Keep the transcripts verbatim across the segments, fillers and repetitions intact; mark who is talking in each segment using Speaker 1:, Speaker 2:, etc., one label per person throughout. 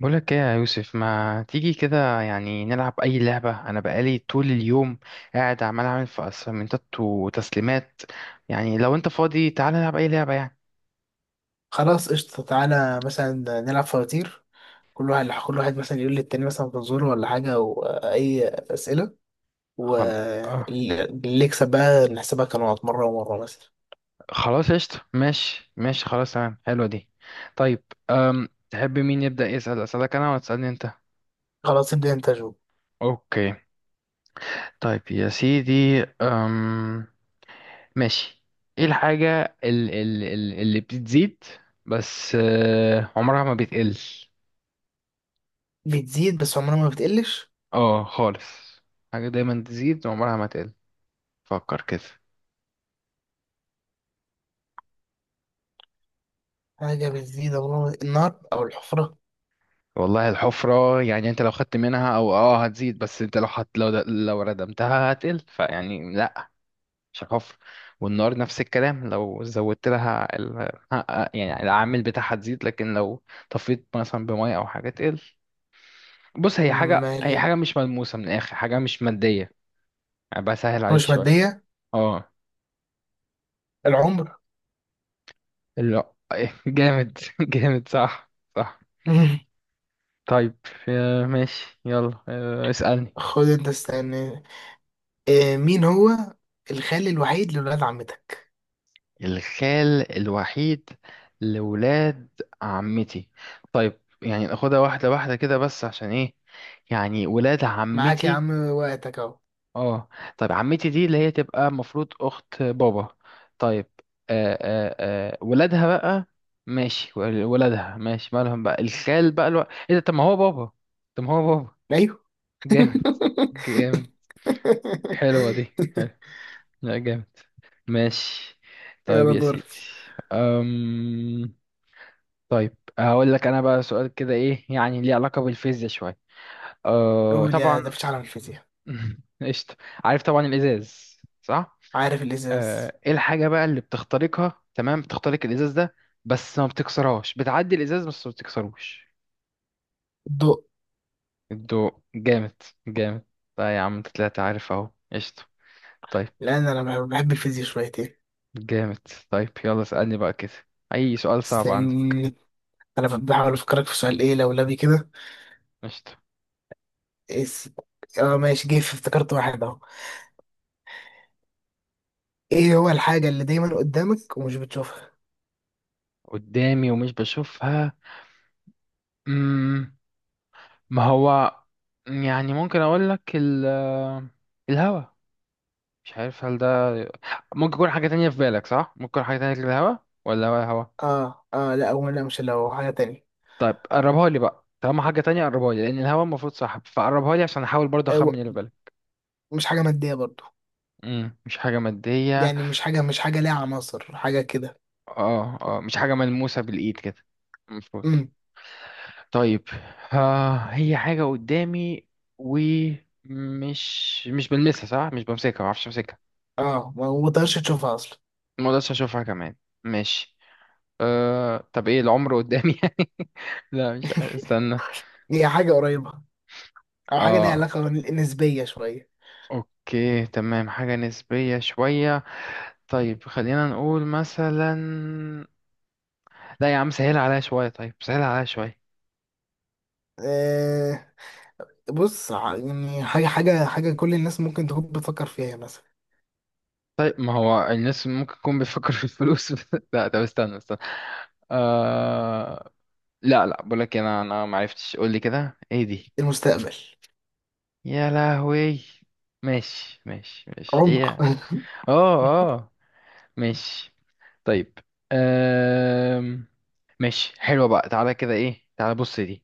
Speaker 1: بقولك ايه يا يوسف؟ ما تيجي كده يعني نلعب اي لعبة؟ انا بقالي طول اليوم قاعد عمال اعمل في اسايمنتات وتسليمات. يعني لو انت فاضي تعال نلعب اي لعبة يعني.
Speaker 2: خلاص قشطة، تعالى مثلا نلعب فواتير. كل واحد كل واحد مثلا يقول للتاني مثلا فزورة ولا حاجة وأي أسئلة،
Speaker 1: خل... آه.
Speaker 2: واللي يكسب بقى نحسبها كنقط مرة ومرة مثلا.
Speaker 1: خلاص قشطة، ماشي ماشي خلاص، تمام، حلوة دي. طيب، أم... تحب مين يبدأ يسأل؟ اسألك انا ولا تسألني انت؟
Speaker 2: خلاص ابدأ أنت جو.
Speaker 1: اوكي. طيب يا سيدي، أم... ماشي. ايه الحاجة ال... ال... ال- اللي بتزيد بس آه، عمرها ما بتقل؟
Speaker 2: بتزيد بس عمرها ما بتقلش.
Speaker 1: اه خالص. حاجة دايما تزيد وعمرها ما تقل، فكر كده.
Speaker 2: حاجة بتزيد عمرها ما... النار أو الحفرة.
Speaker 1: والله الحفرة يعني انت لو خدت منها او اه هتزيد، بس انت لو حط لو لو ردمتها هتقل، فيعني لا، مش الحفرة. والنار نفس الكلام، لو زودت لها ال... يعني العامل بتاعها تزيد، لكن لو طفيت مثلا بمية او حاجة تقل. بص، هي حاجة هي
Speaker 2: أمال
Speaker 1: حاجة مش ملموسة، من الاخر حاجة مش مادية. يعني بسهل
Speaker 2: حاجة
Speaker 1: عليك
Speaker 2: مش
Speaker 1: شوية.
Speaker 2: مادية؟
Speaker 1: اه.
Speaker 2: العمر.
Speaker 1: لا. جامد جامد، صح صح. طيب، آه، ماشي يلا، آه، اسألني.
Speaker 2: خد أنت استنى. آه، مين هو الخال الوحيد لولاد عمتك؟
Speaker 1: الخال الوحيد لولاد عمتي. طيب يعني ناخدها واحدة واحدة كده، بس عشان ايه؟ يعني ولاد
Speaker 2: معاك يا
Speaker 1: عمتي.
Speaker 2: عم، وقتك أهو.
Speaker 1: اه. طيب عمتي دي اللي هي تبقى المفروض أخت بابا. طيب. آه آه. آه ولادها بقى، ماشي. ول- ولادها، ماشي، مالهم بقى الخال بقى الو... ايه ده؟ طب ما هو بابا، طب ما هو بابا.
Speaker 2: أيوه.
Speaker 1: جامد. جامد. حلوة دي، حلو. لا جامد. ماشي. طيب
Speaker 2: يلا
Speaker 1: يا
Speaker 2: دور.
Speaker 1: سيدي، أم... طيب هقول لك انا بقى سؤال كده، ايه يعني ليه علاقة بالفيزياء شوية. أه...
Speaker 2: قول يا
Speaker 1: طبعا.
Speaker 2: ده، مفيش عالم الفيزياء.
Speaker 1: قشطة. عارف طبعا الازاز، صح.
Speaker 2: عارف الازاز.
Speaker 1: أه... ايه الحاجة بقى اللي بتخترقها تمام، بتخترق الازاز ده بس ما بتكسرهاش، بتعدي الازاز بس ما بتكسروش؟
Speaker 2: الضوء.
Speaker 1: الضوء. جامد. جامد. لا يا عم انت طلعت عارف اهو، قشطة. طيب.
Speaker 2: لان انا بحب الفيزياء شويتين.
Speaker 1: جامد. طيب يلا اسألني بقى كده، اي سؤال صعب عندك.
Speaker 2: استني، انا بحاول افكرك في سؤال ايه لولبي كده.
Speaker 1: قشطة.
Speaker 2: اس، اه ماشي، جه في- افتكرت واحد اهو. ايه هو الحاجة اللي دايما قدامك ومش بتشوفها؟
Speaker 1: قدامي ومش بشوفها. مم. ما هو، يعني ممكن اقول لك ال الهوا، مش عارف هل ده ممكن يكون حاجة تانية في بالك، صح؟ ممكن يكون حاجة تانية غير الهوا، ولا هو الهوا؟
Speaker 2: اه اه لا هو، لا، مش لو حاجة تانية.
Speaker 1: طيب قربها لي بقى، طالما حاجة تانية قربها لي، لأن الهوا المفروض صح، فقربها لي عشان أحاول برضه أخمن
Speaker 2: أيوة.
Speaker 1: اللي في بالك.
Speaker 2: مش حاجة مادية برضو.
Speaker 1: مم. مش حاجة مادية.
Speaker 2: يعني مش حاجة مش حاجة ليها عناصر، حاجة كده.
Speaker 1: اه اه، مش حاجة ملموسة بالإيد كده المفروض.
Speaker 2: امم
Speaker 1: طيب، آه هي حاجة قدامي ومش مش بلمسها صح، مش بمسكها، ما اعرفش امسكها.
Speaker 2: اه، ما ما تقدرش تشوفها اصلا.
Speaker 1: مقدرش اشوفها كمان، ماشي. أه... طب ايه، العمر قدامي يعني؟ لا مش عارف، استنى.
Speaker 2: هي حاجة قريبة او حاجه ليها
Speaker 1: اه.
Speaker 2: علاقه نسبيه شويه.
Speaker 1: اوكي تمام، حاجة نسبية شوية. طيب خلينا نقول مثلا، لا يا عم سهل عليا شوية، طيب سهل عليا شوية.
Speaker 2: أه بص، ع- يعني حاجه حاجه حاجه كل الناس ممكن تكون بتفكر فيها مثلا.
Speaker 1: طيب ما هو الناس ممكن يكون بيفكر في الفلوس. لا طب استنى استنى. آه... لا لا، بقولك انا انا معرفتش، قول لي كده ايه دي.
Speaker 2: المستقبل.
Speaker 1: يا لهوي. ماشي ماشي ماشي،
Speaker 2: عمق.
Speaker 1: ايه. اه اه. ماشي. طيب، أم... ماشي، حلوة بقى، تعالى كده، ايه، تعالى بص دي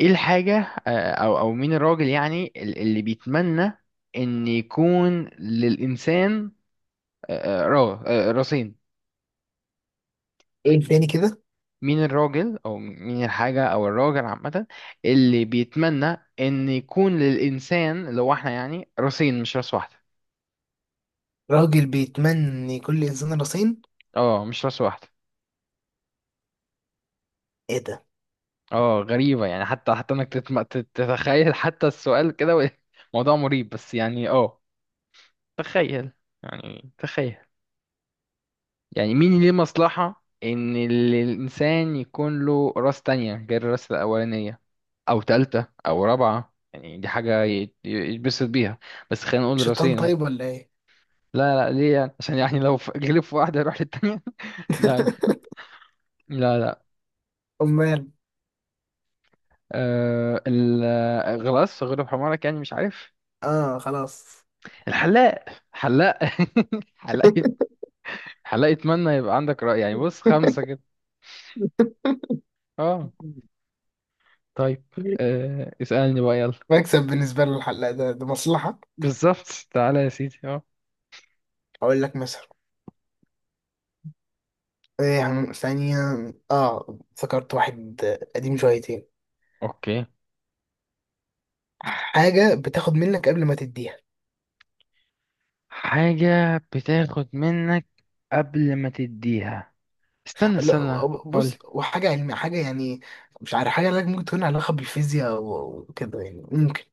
Speaker 1: ايه الحاجة، آه، او او مين الراجل يعني ال- اللي بيتمنى ان يكون للإنسان، آه، آه، را آه، راسين؟
Speaker 2: ايه تاني كده؟
Speaker 1: مين الراجل او مين الحاجة او الراجل عامة اللي بيتمنى ان يكون للإنسان اللي هو احنا يعني راسين، مش راس واحدة؟
Speaker 2: راجل بيتمني كل انسان راسين؟
Speaker 1: اه، مش راس واحدة.
Speaker 2: ايه ده!
Speaker 1: اه، غريبة يعني، حتى حتى انك تتم... تت- تتخيل حتى السؤال كده و- موضوع مريب، بس يعني اه، تخيل يعني، تخيل يعني. مين ليه مصلحة ان ال- الانسان يكون له راس تانية غير الراس الاولانية، او تالتة او رابعة؟ يعني دي حاجة ي- يتبسط بيها. بس خلينا نقول
Speaker 2: شيطان
Speaker 1: راسين.
Speaker 2: طيب ولا ايه؟
Speaker 1: لا لا، ليه يعني؟ عشان يعني لو ف- غلب في واحدة يروح للتانية. لا. لا لا.
Speaker 2: امال؟
Speaker 1: أه ال- الغلاس غلب حمارك، يعني مش عارف.
Speaker 2: اه خلاص.
Speaker 1: الحلاق، حلاق حلاق. حلاق يتمنى يبقى عندك رأي يعني، بص خمسة كده. اه. طيب. آه اسألني بقى يلا.
Speaker 2: مكسب بالنسبه له الحلقه، ده ده مصلحه.
Speaker 1: بالظبط، تعالى يا سيدي، اه.
Speaker 2: اقول لك مثلا إيه، ثانيه. اه افتكرت واحد قديم شويتين.
Speaker 1: اوكي.
Speaker 2: حاجه بتاخد منك قبل ما تديها.
Speaker 1: حاجة بتاخد منك قبل ما تديها. استنى استنى.
Speaker 2: لا
Speaker 1: قول.
Speaker 2: بص، وحاجة علمية حاجة يعني، مش عارف، حاجة لك ممكن تكون علاقة بالفيزياء و- وكده، يعني ممكن.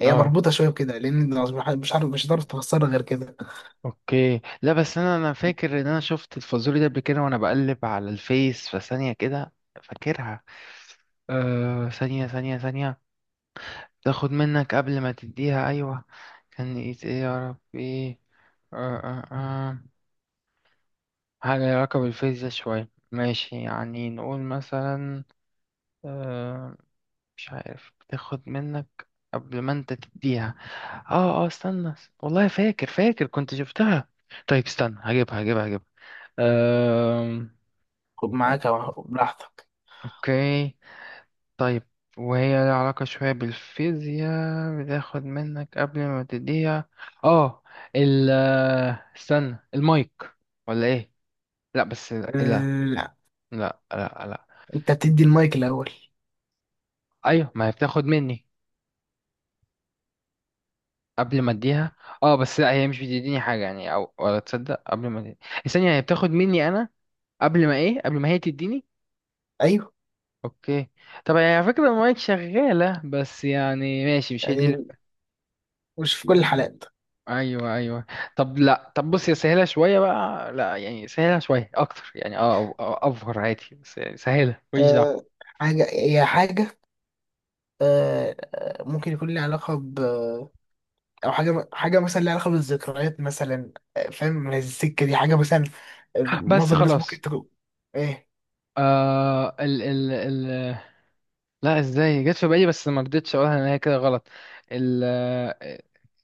Speaker 2: هي
Speaker 1: اه.
Speaker 2: مربوطة شوية بكده لأن، مش عارف، مش هتعرف تفسرها غير كده.
Speaker 1: اوكي. لا بس انا انا فاكر ان انا شفت الفازوري ده قبل كده وانا بقلب على الفيس، فثانية كده، فاكرها. آه ثانية ثانية ثانية. تاخد منك قبل ما تديها، أيوة. كان إيه إيه يا ربي؟ آه آه آه. حاجة ليها علاقة بالفيزياء شوية، ماشي، يعني نقول مثلا. آه، مش عارف، بتاخد منك قبل ما انت تديها. اه اه، استنى. والله فاكر فاكر كنت شفتها. طيب استنى هجيبها هجيبها هجيبها. آه.
Speaker 2: خد معاك أو براحتك.
Speaker 1: اوكي. طيب، وهي لها علاقة شوية بالفيزياء، بتاخد منك قبل ما تديها. اه، ال آه، استنى، المايك ولا ايه؟ لا بس لا لا.
Speaker 2: أه لا،
Speaker 1: لا لا, لا.
Speaker 2: أنت بتدي المايك الأول.
Speaker 1: ايوه، ما هي بتاخد مني قبل ما اديها. اه بس لا، هي مش بتديني حاجة يعني، او ولا تصدق قبل ما تديني الثانية، هي بتاخد مني انا قبل ما ايه، قبل ما هي تديني.
Speaker 2: أيوه.
Speaker 1: اوكي. طب هي على فكرة المايك شغالة، بس يعني ماشي، مش هي دي.
Speaker 2: يعني مش في كل الحالات.
Speaker 1: ايوه ايوه. طب لا، طب بص، يا سهله شويه بقى، لا يعني سهله شويه اكتر يعني اه، أو- أو- افور عادي، بس يعني سهله، ماليش دعوه.
Speaker 2: أه حاجة، هي حاجة. أه آه، ممكن يكون لها علاقة ب، أو حاجة، حاجة مثلا لها علاقة بالذكريات مثلا، آه، فاهم، من السكة دي حاجة مثلا. آه،
Speaker 1: بس
Speaker 2: معظم الناس ممكن
Speaker 1: خلاص.
Speaker 2: تكون إيه.
Speaker 1: آه ال ال ال. لا ازاي جت في بالي بس ما رضيتش اقولها، ان هي كده غلط. ال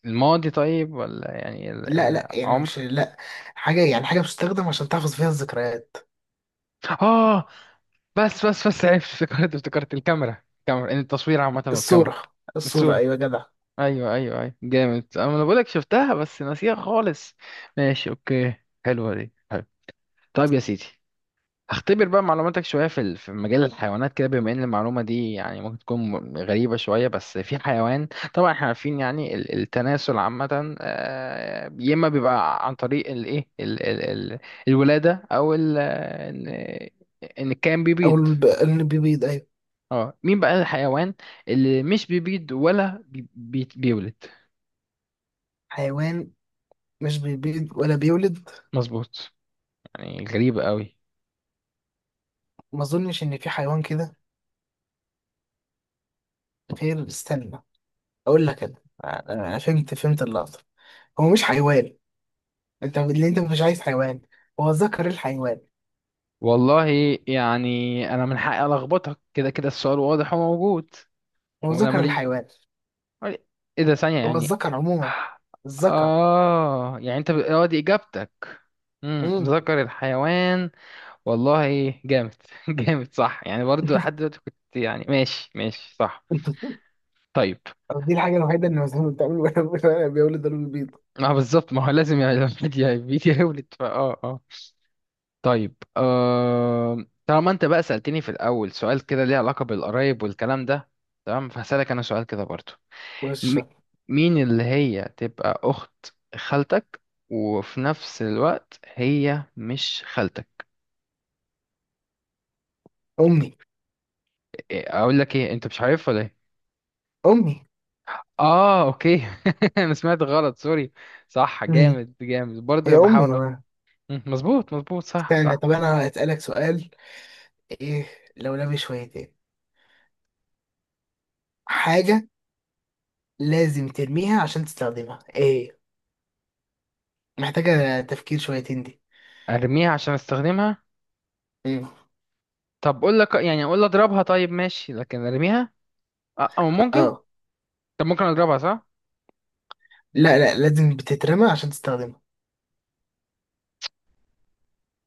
Speaker 1: الماضي، طيب، ولا يعني ال-
Speaker 2: لا لا، يعني مش،
Speaker 1: العمر.
Speaker 2: لا. حاجة يعني حاجة بتستخدم عشان تحفظ فيها الذكريات.
Speaker 1: اه. بس بس بس عرفت، افتكرت افتكرت الكاميرا الكاميرا، ان التصوير عامه والكاميرا.
Speaker 2: الصورة! الصورة
Speaker 1: الصوره،
Speaker 2: أيوة يا جدع!
Speaker 1: ايوه ايوه ايوه جامد، انا بقول لك شفتها بس ناسيها خالص. ماشي، اوكي. حلوه دي، حلو. طيب يا سيدي، هختبر بقى معلوماتك شويه في ال- في مجال الحيوانات كده، بما ان المعلومه دي يعني ممكن تكون م- غريبه شويه، بس في حيوان. طبعا احنا عارفين يعني ال- التناسل عامه، آه، يا اما بيبقى عن طريق الايه ال- ال- ال- الولاده او ال- ان ان كان
Speaker 2: أو
Speaker 1: بيبيض.
Speaker 2: الب- اللي بيبيض أيوة.
Speaker 1: اه مين بقى الحيوان اللي مش بيبيض ولا بي- بي- بيولد؟
Speaker 2: حيوان مش بيبيض ولا بيولد.
Speaker 1: مظبوط. يعني غريبة قوي.
Speaker 2: ما أظنش إن في حيوان كده، غير استنى، أقول لك أنا. أنا فهمت فهمت اللقطة. هو مش حيوان. أنت اللي أنت مش عايز حيوان، هو ذكر الحيوان.
Speaker 1: والله يعني انا من حقي الخبطك، كده كده السؤال واضح وموجود
Speaker 2: هو
Speaker 1: وانا
Speaker 2: ذكر
Speaker 1: ماليش.
Speaker 2: الحيوان.
Speaker 1: ايه ده، ثانية
Speaker 2: هو
Speaker 1: يعني.
Speaker 2: الذكر عموما، الذكر.
Speaker 1: اه، يعني انت ب- اه دي اجابتك؟ امم
Speaker 2: امم
Speaker 1: ذكر الحيوان. والله جامد، جامد، صح يعني برضو، لحد دلوقتي كنت يعني ماشي ماشي صح. طيب،
Speaker 2: دي الحاجة الوحيدة اللي ما بتعمل، ولا ولا بيولد ولا بيبيض.
Speaker 1: ما هو بالظبط، ما هو لازم يعني الواحد يا- بيتي يولد، فاه اه آه. طيب، أه... طالما انت بقى سألتني في الأول سؤال كده ليه علاقة بالقرايب والكلام ده، تمام، فهسألك أنا سؤال كده برضو. م...
Speaker 2: وش؟
Speaker 1: مين اللي هي تبقى أخت خالتك وفي نفس الوقت هي مش خالتك؟
Speaker 2: أمي.
Speaker 1: إيه، أقول لك إيه، أنت مش عارفها ولا إيه؟
Speaker 2: أمي.
Speaker 1: آه، أوكي. أنا سمعت غلط، سوري. صح،
Speaker 2: مم.
Speaker 1: جامد جامد
Speaker 2: هي
Speaker 1: برضو،
Speaker 2: أمي
Speaker 1: بحاول أ-
Speaker 2: ما.
Speaker 1: مم، مظبوط مظبوط، صح
Speaker 2: استنى،
Speaker 1: صح.
Speaker 2: طب أنا هسألك سؤال إيه لولبي شويتين. حاجة لازم ترميها عشان تستخدمها، إيه؟ محتاجة تفكير شويتين دي.
Speaker 1: أرميها عشان أستخدمها؟
Speaker 2: مم.
Speaker 1: طب أقول لك، يعني أقول أضربها طيب ماشي، لكن أرميها؟ أه، أو ممكن.
Speaker 2: آه.
Speaker 1: طب ممكن اضربها صح؟
Speaker 2: لا لا، لازم بتترمى عشان تستخدمها.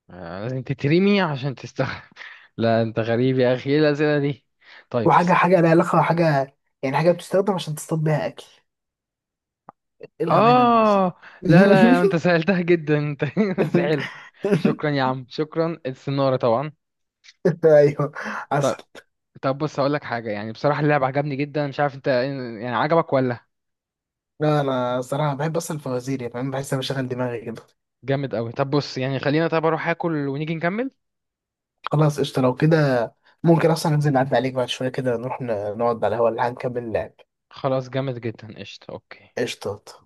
Speaker 1: آه، لازم تترمي عشان تستخدم. لا انت غريب يا اخي، ايه الاسئله دي؟ طيب.
Speaker 2: وحاجة، حاجة لها علاقة، حاجة يعني، حاجة بتستخدم عشان تصطاد بيها أكل. إيه الغباء اللي أنا قلته ده؟
Speaker 1: اه. لا لا، انت سألتها جدا انت بس حلو. شكرا يا عم شكرا، السنارة طبعا.
Speaker 2: أيوه،
Speaker 1: طب.
Speaker 2: حصل.
Speaker 1: طب بص هقول لك حاجة، يعني بصراحة اللعب عجبني جدا، مش عارف انت يعني عجبك ولا.
Speaker 2: لا أنا صراحة بحب أصلا الفوازير، يعني فاهم، بحس أنا بشغل دماغي كده.
Speaker 1: جامد قوي. طب بص يعني خلينا، طب اروح اكل ونيجي نكمل.
Speaker 2: خلاص قشطة لو كده. ممكن أصلا ننزل نعدي عليك بعد شوية كده، نروح ن- نقعد على الهوا اللي هنكمل اللعب.
Speaker 1: خلاص، جامد جدا، قشطة، اوكي.
Speaker 2: قشطة.